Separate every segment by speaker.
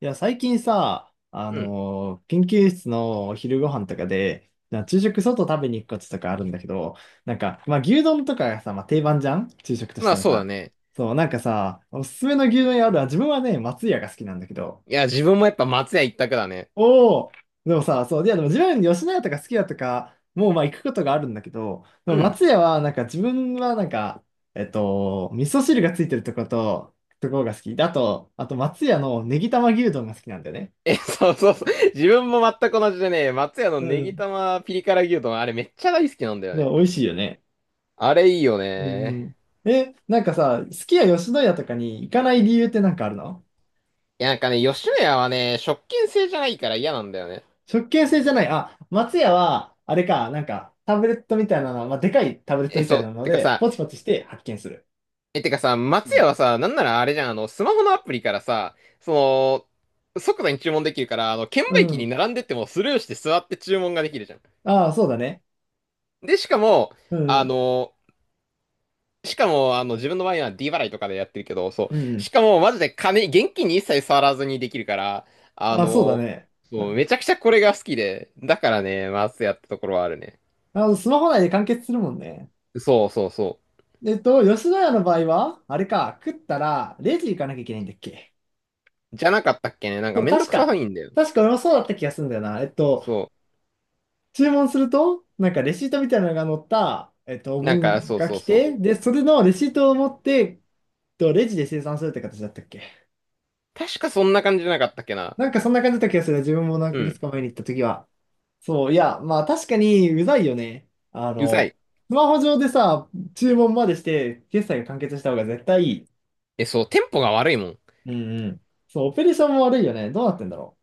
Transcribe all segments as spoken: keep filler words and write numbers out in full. Speaker 1: いや、最近さ、あ
Speaker 2: うん。
Speaker 1: のー研究室のお昼ご飯とかで、な昼食外食べに行くこととかあるんだけど、なんか、まあ、牛丼とかがさ、まあ、定番じゃん昼食とし
Speaker 2: まあ
Speaker 1: たら
Speaker 2: そうだ
Speaker 1: さ。
Speaker 2: ね。
Speaker 1: そう、なんかさ、おすすめの牛丼屋あるわ。自分はね、松屋が好きなんだけど。
Speaker 2: いや、自分もやっぱ松屋一択だね。
Speaker 1: おお、でもさ、そう、いや、でも自分吉野家とか好きだとか、もうまあ行くことがあるんだけど、で
Speaker 2: う
Speaker 1: も
Speaker 2: ん。
Speaker 1: 松屋はなんか自分はなんか、えっと、味噌汁がついてるとこと、ところが好き。だと、あと松屋のネギ玉牛丼が好きなんだよね。
Speaker 2: え、そうそうそう。自分も全く同じでね、松屋の
Speaker 1: う
Speaker 2: ネギ
Speaker 1: ん、
Speaker 2: 玉ピリ辛牛丼、あれめっちゃ大好きなんだよ
Speaker 1: まあ、
Speaker 2: ね。
Speaker 1: 美味しいよね。
Speaker 2: あれいいよ
Speaker 1: う
Speaker 2: ね。
Speaker 1: んうん。え、なんかさ、すき家吉野家とかに行かない理由ってなんかあるの？
Speaker 2: いや、なんかね、吉野家はね、食券制じゃないから嫌なんだよね。
Speaker 1: 食券制じゃない。あ、松屋は、あれか、なんか、タブレットみたいなの、まあ、でかいタブレット
Speaker 2: え、
Speaker 1: み
Speaker 2: そ
Speaker 1: たい
Speaker 2: う。
Speaker 1: なの
Speaker 2: てか
Speaker 1: で、
Speaker 2: さ、
Speaker 1: ポチポチして発見する。
Speaker 2: え、てかさ、
Speaker 1: う
Speaker 2: 松屋
Speaker 1: ん。
Speaker 2: はさ、なんならあれじゃん、あの、スマホのアプリからさ、その、即座に注文できるから、あの、券
Speaker 1: う
Speaker 2: 売機に
Speaker 1: ん。
Speaker 2: 並んでってもスルーして座って注文ができるじゃん。
Speaker 1: ああ、そうだね。
Speaker 2: で、しかも、
Speaker 1: うんう
Speaker 2: あ
Speaker 1: ん。
Speaker 2: のしかも、あの、自分の場合は D 払いとかでやってるけど、そ
Speaker 1: うんう
Speaker 2: う。
Speaker 1: ん。
Speaker 2: しかも、マジで金、現金に一切触らずにできるから、あ
Speaker 1: ああ、そうだ
Speaker 2: の、
Speaker 1: ね。う
Speaker 2: そう、
Speaker 1: ん。
Speaker 2: めちゃくちゃこれが好きで、だからね、マスやったところはあるね。
Speaker 1: あの、スマホ内で完結するもんね。
Speaker 2: そうそうそ
Speaker 1: えっと、吉野家の場合は、あれか、食ったら、レジ行かなきゃいけないんだっけ？
Speaker 2: う。じゃなかったっけね。なんか
Speaker 1: そう、
Speaker 2: めんど
Speaker 1: 確
Speaker 2: くさ
Speaker 1: か。
Speaker 2: いんだよ。
Speaker 1: 確か俺もそうだった気がするんだよな。えっと、
Speaker 2: そ
Speaker 1: 注文すると、なんかレシートみたいなのが載った、えっと、お
Speaker 2: う。なんか、
Speaker 1: 盆
Speaker 2: そう
Speaker 1: が
Speaker 2: そう
Speaker 1: 来
Speaker 2: そう。
Speaker 1: て、で、それのレシートを持って、えっと、レジで生産するって形だったっけ？
Speaker 2: 確かそんな感じじゃなかったっけな。
Speaker 1: なんかそんな感じだった気がする。自分も何
Speaker 2: う
Speaker 1: ヶ月
Speaker 2: ん。
Speaker 1: か前に行った時は。そう、いや、まあ確かにうざいよね。あ
Speaker 2: うざ
Speaker 1: の、
Speaker 2: い。
Speaker 1: スマホ上でさ、注文までして、決済が完結した方が絶対いい。
Speaker 2: え、そう、テンポが悪いもん。
Speaker 1: うんうん。そう、オペレーションも悪いよね。どうなってんだろ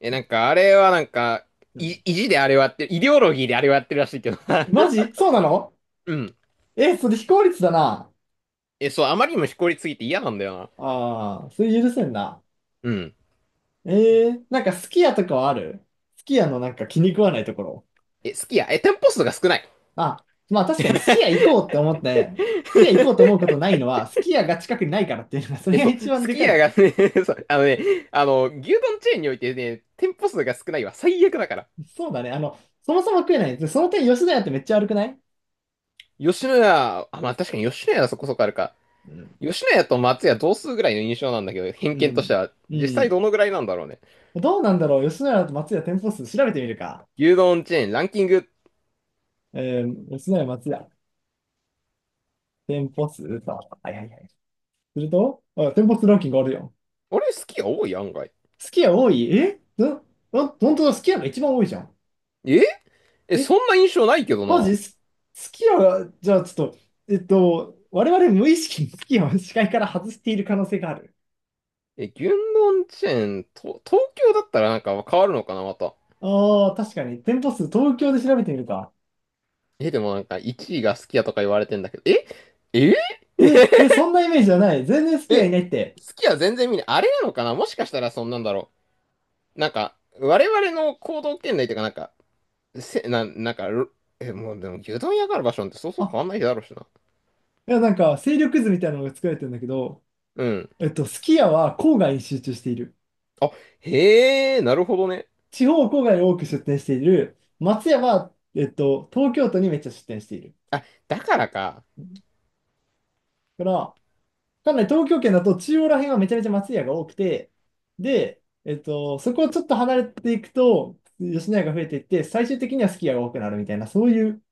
Speaker 2: え、なんか、あれはなんか、
Speaker 1: う。う
Speaker 2: い、
Speaker 1: ん。
Speaker 2: 意地であれをやってる、イデオロギーであれをやってるらしいけど。
Speaker 1: マジそうなの？
Speaker 2: うん。
Speaker 1: え、それ非効率だな。
Speaker 2: え、そう、あまりにもしこりすぎて嫌なんだよな。
Speaker 1: ああ、それ許せんな。
Speaker 2: うん。
Speaker 1: ええ、なんかすき家とかはある？すき家のなんか気に食わないところ。
Speaker 2: え、すき家、え、店舗数が少ない。
Speaker 1: あ、まあ確かにすき家行こうって思って、すき家行こうと思うことないのは、すき家が近くにないからっていうのが、それ
Speaker 2: え、
Speaker 1: が
Speaker 2: そ
Speaker 1: 一
Speaker 2: う、
Speaker 1: 番
Speaker 2: す
Speaker 1: で
Speaker 2: き
Speaker 1: か
Speaker 2: 家
Speaker 1: い。
Speaker 2: がね そう、あのね、あの、牛丼チェーンにおいてね、店舗数が少ないは最悪だから。
Speaker 1: そうだね。あの、そもそも食えない。でその点、吉野家ってめっちゃ悪くない？
Speaker 2: 吉野家、あ、まあ確かに吉野家はそこそこあるか。
Speaker 1: うん。
Speaker 2: 吉野家と松屋同数ぐらいの印象なんだけど、偏
Speaker 1: う
Speaker 2: 見として
Speaker 1: ん。
Speaker 2: は、
Speaker 1: う
Speaker 2: 実際
Speaker 1: ん。
Speaker 2: どのぐらいなんだろうね。
Speaker 1: どうなんだろう。吉野家と松屋店舗数調べてみるか。
Speaker 2: 牛丼チェーン、ランキング。
Speaker 1: えー、吉野家松屋店舗数と。はいはいはい。すると、あ、店舗数ランキングあるよ。
Speaker 2: あれ、スき家多い案外。
Speaker 1: すき家多い、えんん本当だ、すき家が一番多いじゃん。
Speaker 2: ええ、そ
Speaker 1: え、
Speaker 2: んな印象ないけど
Speaker 1: マ
Speaker 2: な。
Speaker 1: ジす、好きは、じゃあちょっと、えっと、我々無意識に好きを視界から外している可能性がある。
Speaker 2: え、牛丼チェーン、と、東京だったらなんか変わるのかな、また。
Speaker 1: ああ、確かに。店舗数、東京で調べてみるか。
Speaker 2: え、でもなんかいちいがスきヤとか言われてんだけど、えええ
Speaker 1: え、
Speaker 2: え
Speaker 1: え、そんなイメージじゃない。全然好き家い
Speaker 2: え、
Speaker 1: ないって。
Speaker 2: 好きは全然見ない。あれなのかなもしかしたらそんなんだろう。なんか、我々の行動圏内というか、なんか、せ、な、なんか、ろえ、もうでも牛丼屋がある場所なんてそうそう
Speaker 1: あ、
Speaker 2: 変わんないだろうしな。
Speaker 1: いや、なんか、勢力図みたいなのが作られてるんだけど、
Speaker 2: うん。
Speaker 1: えっと、すき家は郊外に集中している。
Speaker 2: あ、へえ、なるほどね。
Speaker 1: 地方郊外に多く出店している。松屋は、えっと、東京都にめっちゃ出店している。
Speaker 2: あ、だからか。
Speaker 1: だから、かんない東京圏だと中央ら辺はめちゃめちゃ松屋が多くて、で、えっと、そこをちょっと離れていくと、吉野家が増えていって、最終的にはすき家が多くなるみたいな、そういう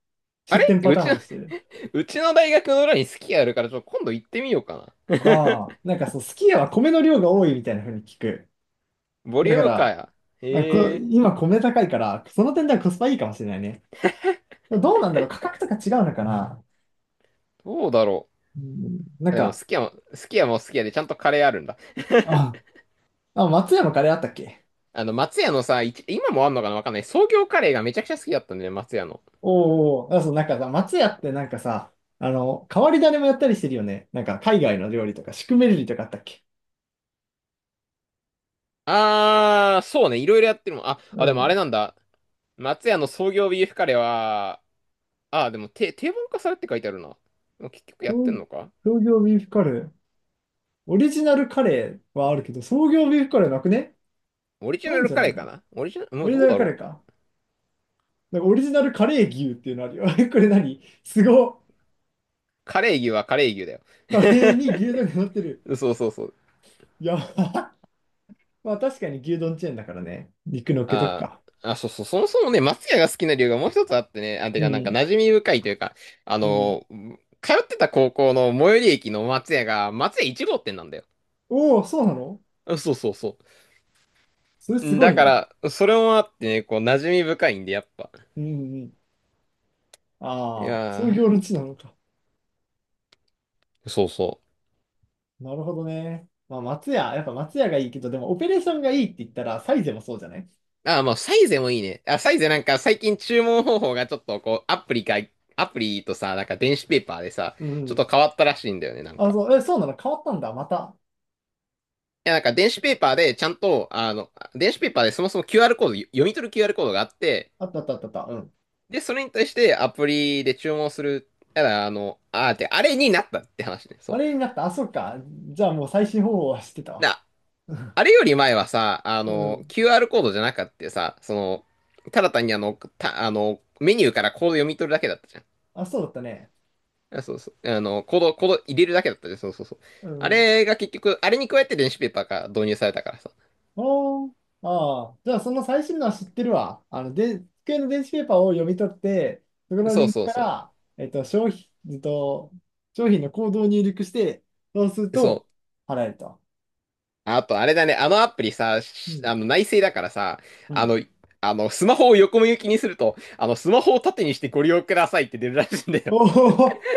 Speaker 2: あ
Speaker 1: 出
Speaker 2: れ
Speaker 1: 店パ
Speaker 2: う
Speaker 1: ター
Speaker 2: ち
Speaker 1: ン
Speaker 2: の、
Speaker 1: をして る。
Speaker 2: うちの大学の裏に好きあるから、ちょっと今度行ってみようかな。
Speaker 1: ああ、なんかそう、すき家は米の量が多いみたいな風に聞く。
Speaker 2: ボリ
Speaker 1: だ
Speaker 2: ュー
Speaker 1: か
Speaker 2: ムか
Speaker 1: ら、
Speaker 2: や。
Speaker 1: あ
Speaker 2: へ
Speaker 1: こ、
Speaker 2: え、
Speaker 1: 今米高いから、その点ではコスパいいかもしれないね。でもどうなんだろう、価格とか違うのかな。
Speaker 2: どうだろ
Speaker 1: うん、な
Speaker 2: う。
Speaker 1: ん
Speaker 2: でも、
Speaker 1: か、
Speaker 2: すき家も、すき家もすき家でちゃんとカレーあるんだ。
Speaker 1: あ、あ、松山カレーあったっけ？
Speaker 2: あの、松屋のさ、いち今もあんのかなわかんない。創業カレーがめちゃくちゃ好きだったんだよね、松屋の。
Speaker 1: おお、あ、そう、なんかさ、松屋ってなんかさ、あの、変わり種もやったりしてるよね。なんか海外の料理とか、シュクメルリとかあったっけ？
Speaker 2: あー、そうね。いろいろやってるもん。あ、
Speaker 1: う
Speaker 2: あ、でもあれ
Speaker 1: ん。
Speaker 2: なんだ。松屋の創業ビーフカレーは、あー、でも定定番化されって書いてあるな。でも結局やって
Speaker 1: 創
Speaker 2: んのか
Speaker 1: 創業ビーフカレー。オリジナルカレーはあるけど、創業ビーフカレーなくね？
Speaker 2: オリジ
Speaker 1: な
Speaker 2: ナ
Speaker 1: いん
Speaker 2: ル
Speaker 1: じゃ
Speaker 2: カ
Speaker 1: な
Speaker 2: レ
Speaker 1: い
Speaker 2: ー
Speaker 1: の？
Speaker 2: かなオリジナル、も
Speaker 1: オ
Speaker 2: う
Speaker 1: リジ
Speaker 2: どう
Speaker 1: ナル
Speaker 2: だ
Speaker 1: カ
Speaker 2: ろ
Speaker 1: レ
Speaker 2: う。
Speaker 1: ーか。なんかオリジナルカレー牛っていうのあるよ。これ何？すごっ。
Speaker 2: カレー牛はカレー牛だよ。
Speaker 1: カレーに牛丼が乗ってる。
Speaker 2: そうそうそう。
Speaker 1: いやば、まあ確かに牛丼チェーンだからね。肉乗っけとく
Speaker 2: あ
Speaker 1: か。
Speaker 2: ー、あ、そうそう。そもそもね、松屋が好きな理由がもう一つあってね。あ、て
Speaker 1: う
Speaker 2: か、なんか
Speaker 1: ん。
Speaker 2: 馴染み深いというか、あ
Speaker 1: うん。
Speaker 2: の、通ってた高校の最寄り駅の松屋が、松屋いち号店なんだよ。
Speaker 1: おお、そうなの？
Speaker 2: あそうそうそ
Speaker 1: それす
Speaker 2: う。
Speaker 1: ご
Speaker 2: だ
Speaker 1: いね。
Speaker 2: から、それもあってね、こう、馴染み深いんで、やっぱ。
Speaker 1: うんうん。
Speaker 2: い
Speaker 1: ああ、そう
Speaker 2: や
Speaker 1: いう行列なのか。
Speaker 2: ー、そうそ
Speaker 1: なるほどね。まあ、松屋、やっぱ松屋がいいけど、でもオペレーションがいいって言ったら、サイゼもそうじゃない？
Speaker 2: う。あー、まあ、サイゼもいいね。あ、サイゼなんか最近注文方法がちょっとこう、アプリか、アプリとさ、なんか電子ペーパーでさ、
Speaker 1: う
Speaker 2: ちょっと
Speaker 1: ん。
Speaker 2: 変わったらしいんだよね、なん
Speaker 1: あ、
Speaker 2: か。
Speaker 1: そう、え、そうなの？変わったんだ。また。
Speaker 2: いや、なんか電子ペーパーでちゃんと、あの、電子ペーパーでそもそも キューアール コード、読み取る キューアール コードがあって、
Speaker 1: あったあったあったあった。うん。
Speaker 2: で、それに対してアプリで注文する。ただ、あの、あーって、あれになったって話ね、
Speaker 1: あ
Speaker 2: そ
Speaker 1: れになった。あ、そっか。じゃあもう最新方法は知ってた
Speaker 2: う。
Speaker 1: わ。
Speaker 2: だ、
Speaker 1: うん。
Speaker 2: あれより前はさ、あ
Speaker 1: う
Speaker 2: の、
Speaker 1: ん、
Speaker 2: キューアール コードじゃなかったさ、その、ただ単にあの、た、あの、メニューからコード読み取るだけだったじゃん。
Speaker 1: あ、そうだったね。
Speaker 2: あ、そうそう。あの、コード、コード入れるだけだったね。そうそうそう。
Speaker 1: う
Speaker 2: あ
Speaker 1: ん。
Speaker 2: れが結局、あれに加えて電子ペーパーが導入されたからさ。
Speaker 1: おー。ああ、じゃあその最新のは知ってるわ。あの、で、机の電子ペーパーを読み取って、そこの
Speaker 2: そ
Speaker 1: リ
Speaker 2: う
Speaker 1: ンク
Speaker 2: そう
Speaker 1: か
Speaker 2: そ
Speaker 1: ら、えっと、商品、えっと、商品のコードを入力して、そうする
Speaker 2: う。そ
Speaker 1: と
Speaker 2: う。
Speaker 1: 払えると。
Speaker 2: あと、あれだね。あのアプリさ、
Speaker 1: う
Speaker 2: し
Speaker 1: ん。
Speaker 2: あの、内製だからさ、
Speaker 1: う
Speaker 2: あ
Speaker 1: ん。
Speaker 2: の、あの、スマホを横向きにすると、あの、スマホを縦にしてご利用くださいって出るらしいんだよ。
Speaker 1: おお、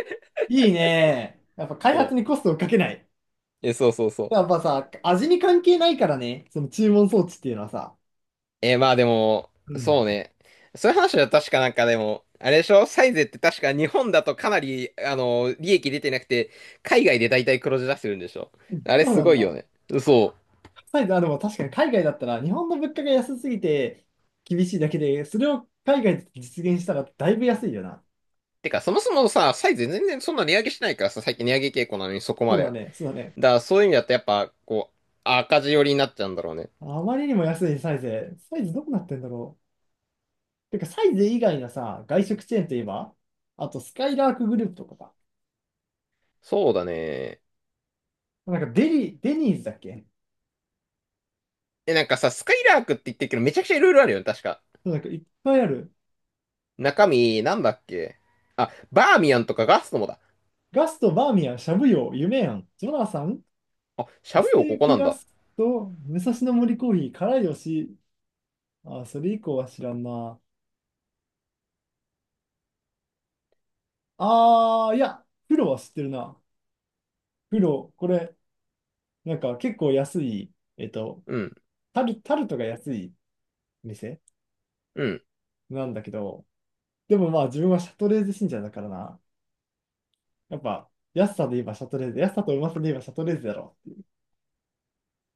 Speaker 1: いいね。やっぱ開発
Speaker 2: そ
Speaker 1: にコストをかけない。
Speaker 2: う。え、そうそうそ
Speaker 1: やっ
Speaker 2: う。
Speaker 1: ぱさ、味に関係ないからね、その注文装置っていうのはさ。
Speaker 2: えー、まあでも、
Speaker 1: うん。
Speaker 2: そうね。そういう話は確かなんかでも、あれでしょサイゼって確か日本だとかなり、あの、利益出てなくて、海外で大体黒字出してるんでしょ
Speaker 1: うん、
Speaker 2: あれ
Speaker 1: そう
Speaker 2: す
Speaker 1: なん
Speaker 2: ごいよ
Speaker 1: だ。
Speaker 2: ね。そう。
Speaker 1: サイズ、あ、でも確かに海外だったら、日本の物価が安すぎて厳しいだけで、それを海外で実現したらだいぶ安いよな。
Speaker 2: てか、そもそもさ、サイゼ全然そんな値上げしないからさ、最近値上げ傾向なのにそこま
Speaker 1: そう
Speaker 2: で。
Speaker 1: だね、そうだね。
Speaker 2: だからそういう意味だとやっぱ、こう、赤字寄りになっちゃうんだろうね。
Speaker 1: あまりにも安いサイズ。サイズどうなってんだろう。てか、サイズ以外のさ、外食チェーンといえば、あとスカイラークグループとかか。
Speaker 2: そうだね。
Speaker 1: なんかデリ、デニーズだっけ？
Speaker 2: え、なんかさ、スカイラークって言ってるけど、めちゃくちゃいろいろあるよね、確か。
Speaker 1: そう、なんかいっぱいある。
Speaker 2: 中身、なんだっけあ、バーミヤンとかガストもだ。
Speaker 1: ガスト、バーミヤン、しゃぶよ、夢庵ジョナサン、
Speaker 2: あ、しゃぶ
Speaker 1: ス
Speaker 2: よ、
Speaker 1: テ
Speaker 2: こ
Speaker 1: ー
Speaker 2: こな
Speaker 1: キ
Speaker 2: ん
Speaker 1: ガ
Speaker 2: だ。
Speaker 1: スト、武蔵野森コーヒー、辛いよし。あ、それ以降は知らんな。ああ、いや、プロは知ってるな。プロ、これ、なんか結構安い、えっと、
Speaker 2: うん。
Speaker 1: タル、タルトが安い店
Speaker 2: うん。
Speaker 1: なんだけど、でもまあ自分はシャトレーゼ信者だからな。やっぱ、安さで言えばシャトレーゼ、安さとうまさで言えばシャトレーゼだろ。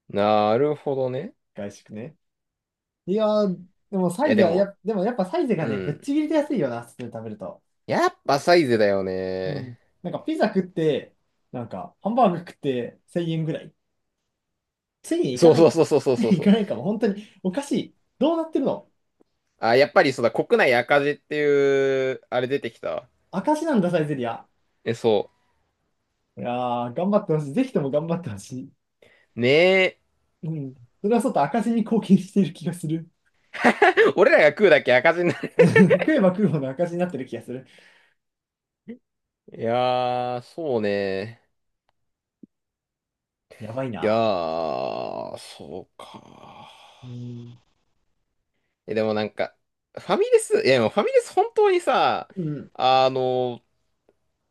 Speaker 2: なるほどね。
Speaker 1: 外食ね。いやー、でもサ
Speaker 2: い
Speaker 1: イ
Speaker 2: や、
Speaker 1: ゼ
Speaker 2: で
Speaker 1: は
Speaker 2: も、
Speaker 1: や、でもやっぱサイゼが
Speaker 2: う
Speaker 1: ね、ぶっ
Speaker 2: ん。
Speaker 1: ちぎりで安いよな、普通に食べると。
Speaker 2: やっぱサイズだよ
Speaker 1: うん。
Speaker 2: ね。
Speaker 1: なんかピザ食って、なんかハンバーグ食ってせんえんぐらい。せんえんいか
Speaker 2: そう
Speaker 1: ない
Speaker 2: そう
Speaker 1: か。
Speaker 2: そうそうそう そう
Speaker 1: い
Speaker 2: そう。
Speaker 1: かないかも、本当におかしい。どうなってるの？
Speaker 2: あ、やっぱりそうだ、国内赤字っていう、あれ出てきたわ。
Speaker 1: 明石なんだ、サイゼリア。
Speaker 2: え、そ
Speaker 1: いやー、頑張ってほしい。ぜひとも頑張ってほしい。
Speaker 2: う。ねえ。
Speaker 1: うん。それはそうと赤字に貢献している気がする。
Speaker 2: 俺らが食うだけ赤字になる。
Speaker 1: 食えば食うほど赤字になってる気がする。
Speaker 2: いやー、そうね。
Speaker 1: やばい
Speaker 2: いや
Speaker 1: な。
Speaker 2: ー、そうか。
Speaker 1: うん。
Speaker 2: え、でもなんか、ファミレス、いや、でもファミレス本当にさ、
Speaker 1: うん。
Speaker 2: あの、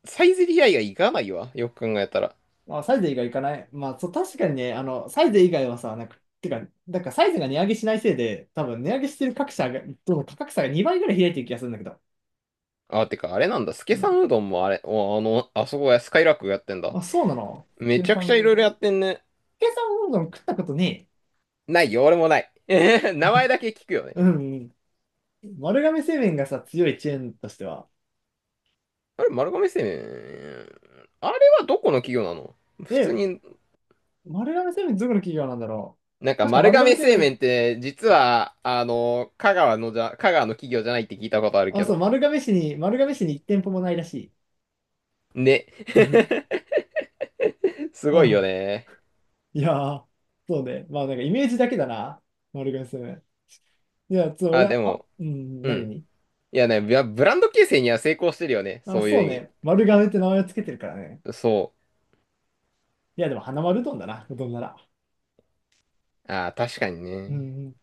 Speaker 2: サイゼリヤ以外行かないわ。よく考えたら。
Speaker 1: まあ、サイゼ以外行かない。まあ、そう、確かにね、あの、サイゼ以外はさ、なんか、てか、なんかサイゼが値上げしないせいで、多分値上げしてる各社が、どの価格差がにばいぐらい開いてる気がするんだけど。
Speaker 2: あ、てか、あれなんだ。ス
Speaker 1: う
Speaker 2: ケさ
Speaker 1: ん。
Speaker 2: んうどんもあれ、おあの、あそこや、スカイラークやってんだ。
Speaker 1: あ、そうなの？
Speaker 2: め
Speaker 1: 計
Speaker 2: ちゃくちゃ
Speaker 1: 算、
Speaker 2: いろいろやってんね。
Speaker 1: 計算うどん食ったことね
Speaker 2: ないよ、俺もない。えへへ名前だけ聞くよね。
Speaker 1: え。うんうん。丸亀製麺がさ、強いチェーンとしては。
Speaker 2: あれ、丸亀製麺。あれはどこの企業なの普通
Speaker 1: で、
Speaker 2: に、
Speaker 1: 丸亀製麺どこの企業なんだろ
Speaker 2: なん
Speaker 1: う。
Speaker 2: か
Speaker 1: 確か
Speaker 2: 丸
Speaker 1: 丸亀
Speaker 2: 亀
Speaker 1: 製
Speaker 2: 製麺
Speaker 1: 麺、
Speaker 2: って、実は、あの、香川のじゃ、香川の企業じゃないって聞いたことある
Speaker 1: あ、
Speaker 2: け
Speaker 1: そ
Speaker 2: ど。
Speaker 1: う、丸亀市に、丸亀市にいっ店舗もないらしい。
Speaker 2: ね。
Speaker 1: うん
Speaker 2: す
Speaker 1: う
Speaker 2: ごいよ
Speaker 1: ん。
Speaker 2: ね。
Speaker 1: いやー、そうね。まあなんかイメージだけだな。丸亀製麺。いや、そう、俺
Speaker 2: あ、
Speaker 1: は、
Speaker 2: で
Speaker 1: あ、
Speaker 2: も、
Speaker 1: うん、
Speaker 2: う
Speaker 1: 何
Speaker 2: ん。
Speaker 1: に。
Speaker 2: いやね、ブラブランド形成には成功してるよね。
Speaker 1: あ、
Speaker 2: そう
Speaker 1: そう
Speaker 2: いう意
Speaker 1: ね。丸亀って名前をつけてるからね。
Speaker 2: 味。そ
Speaker 1: いや、でも花丸うどんだな、うどんなら。
Speaker 2: う。あー、確かに
Speaker 1: うん
Speaker 2: ね。
Speaker 1: うん。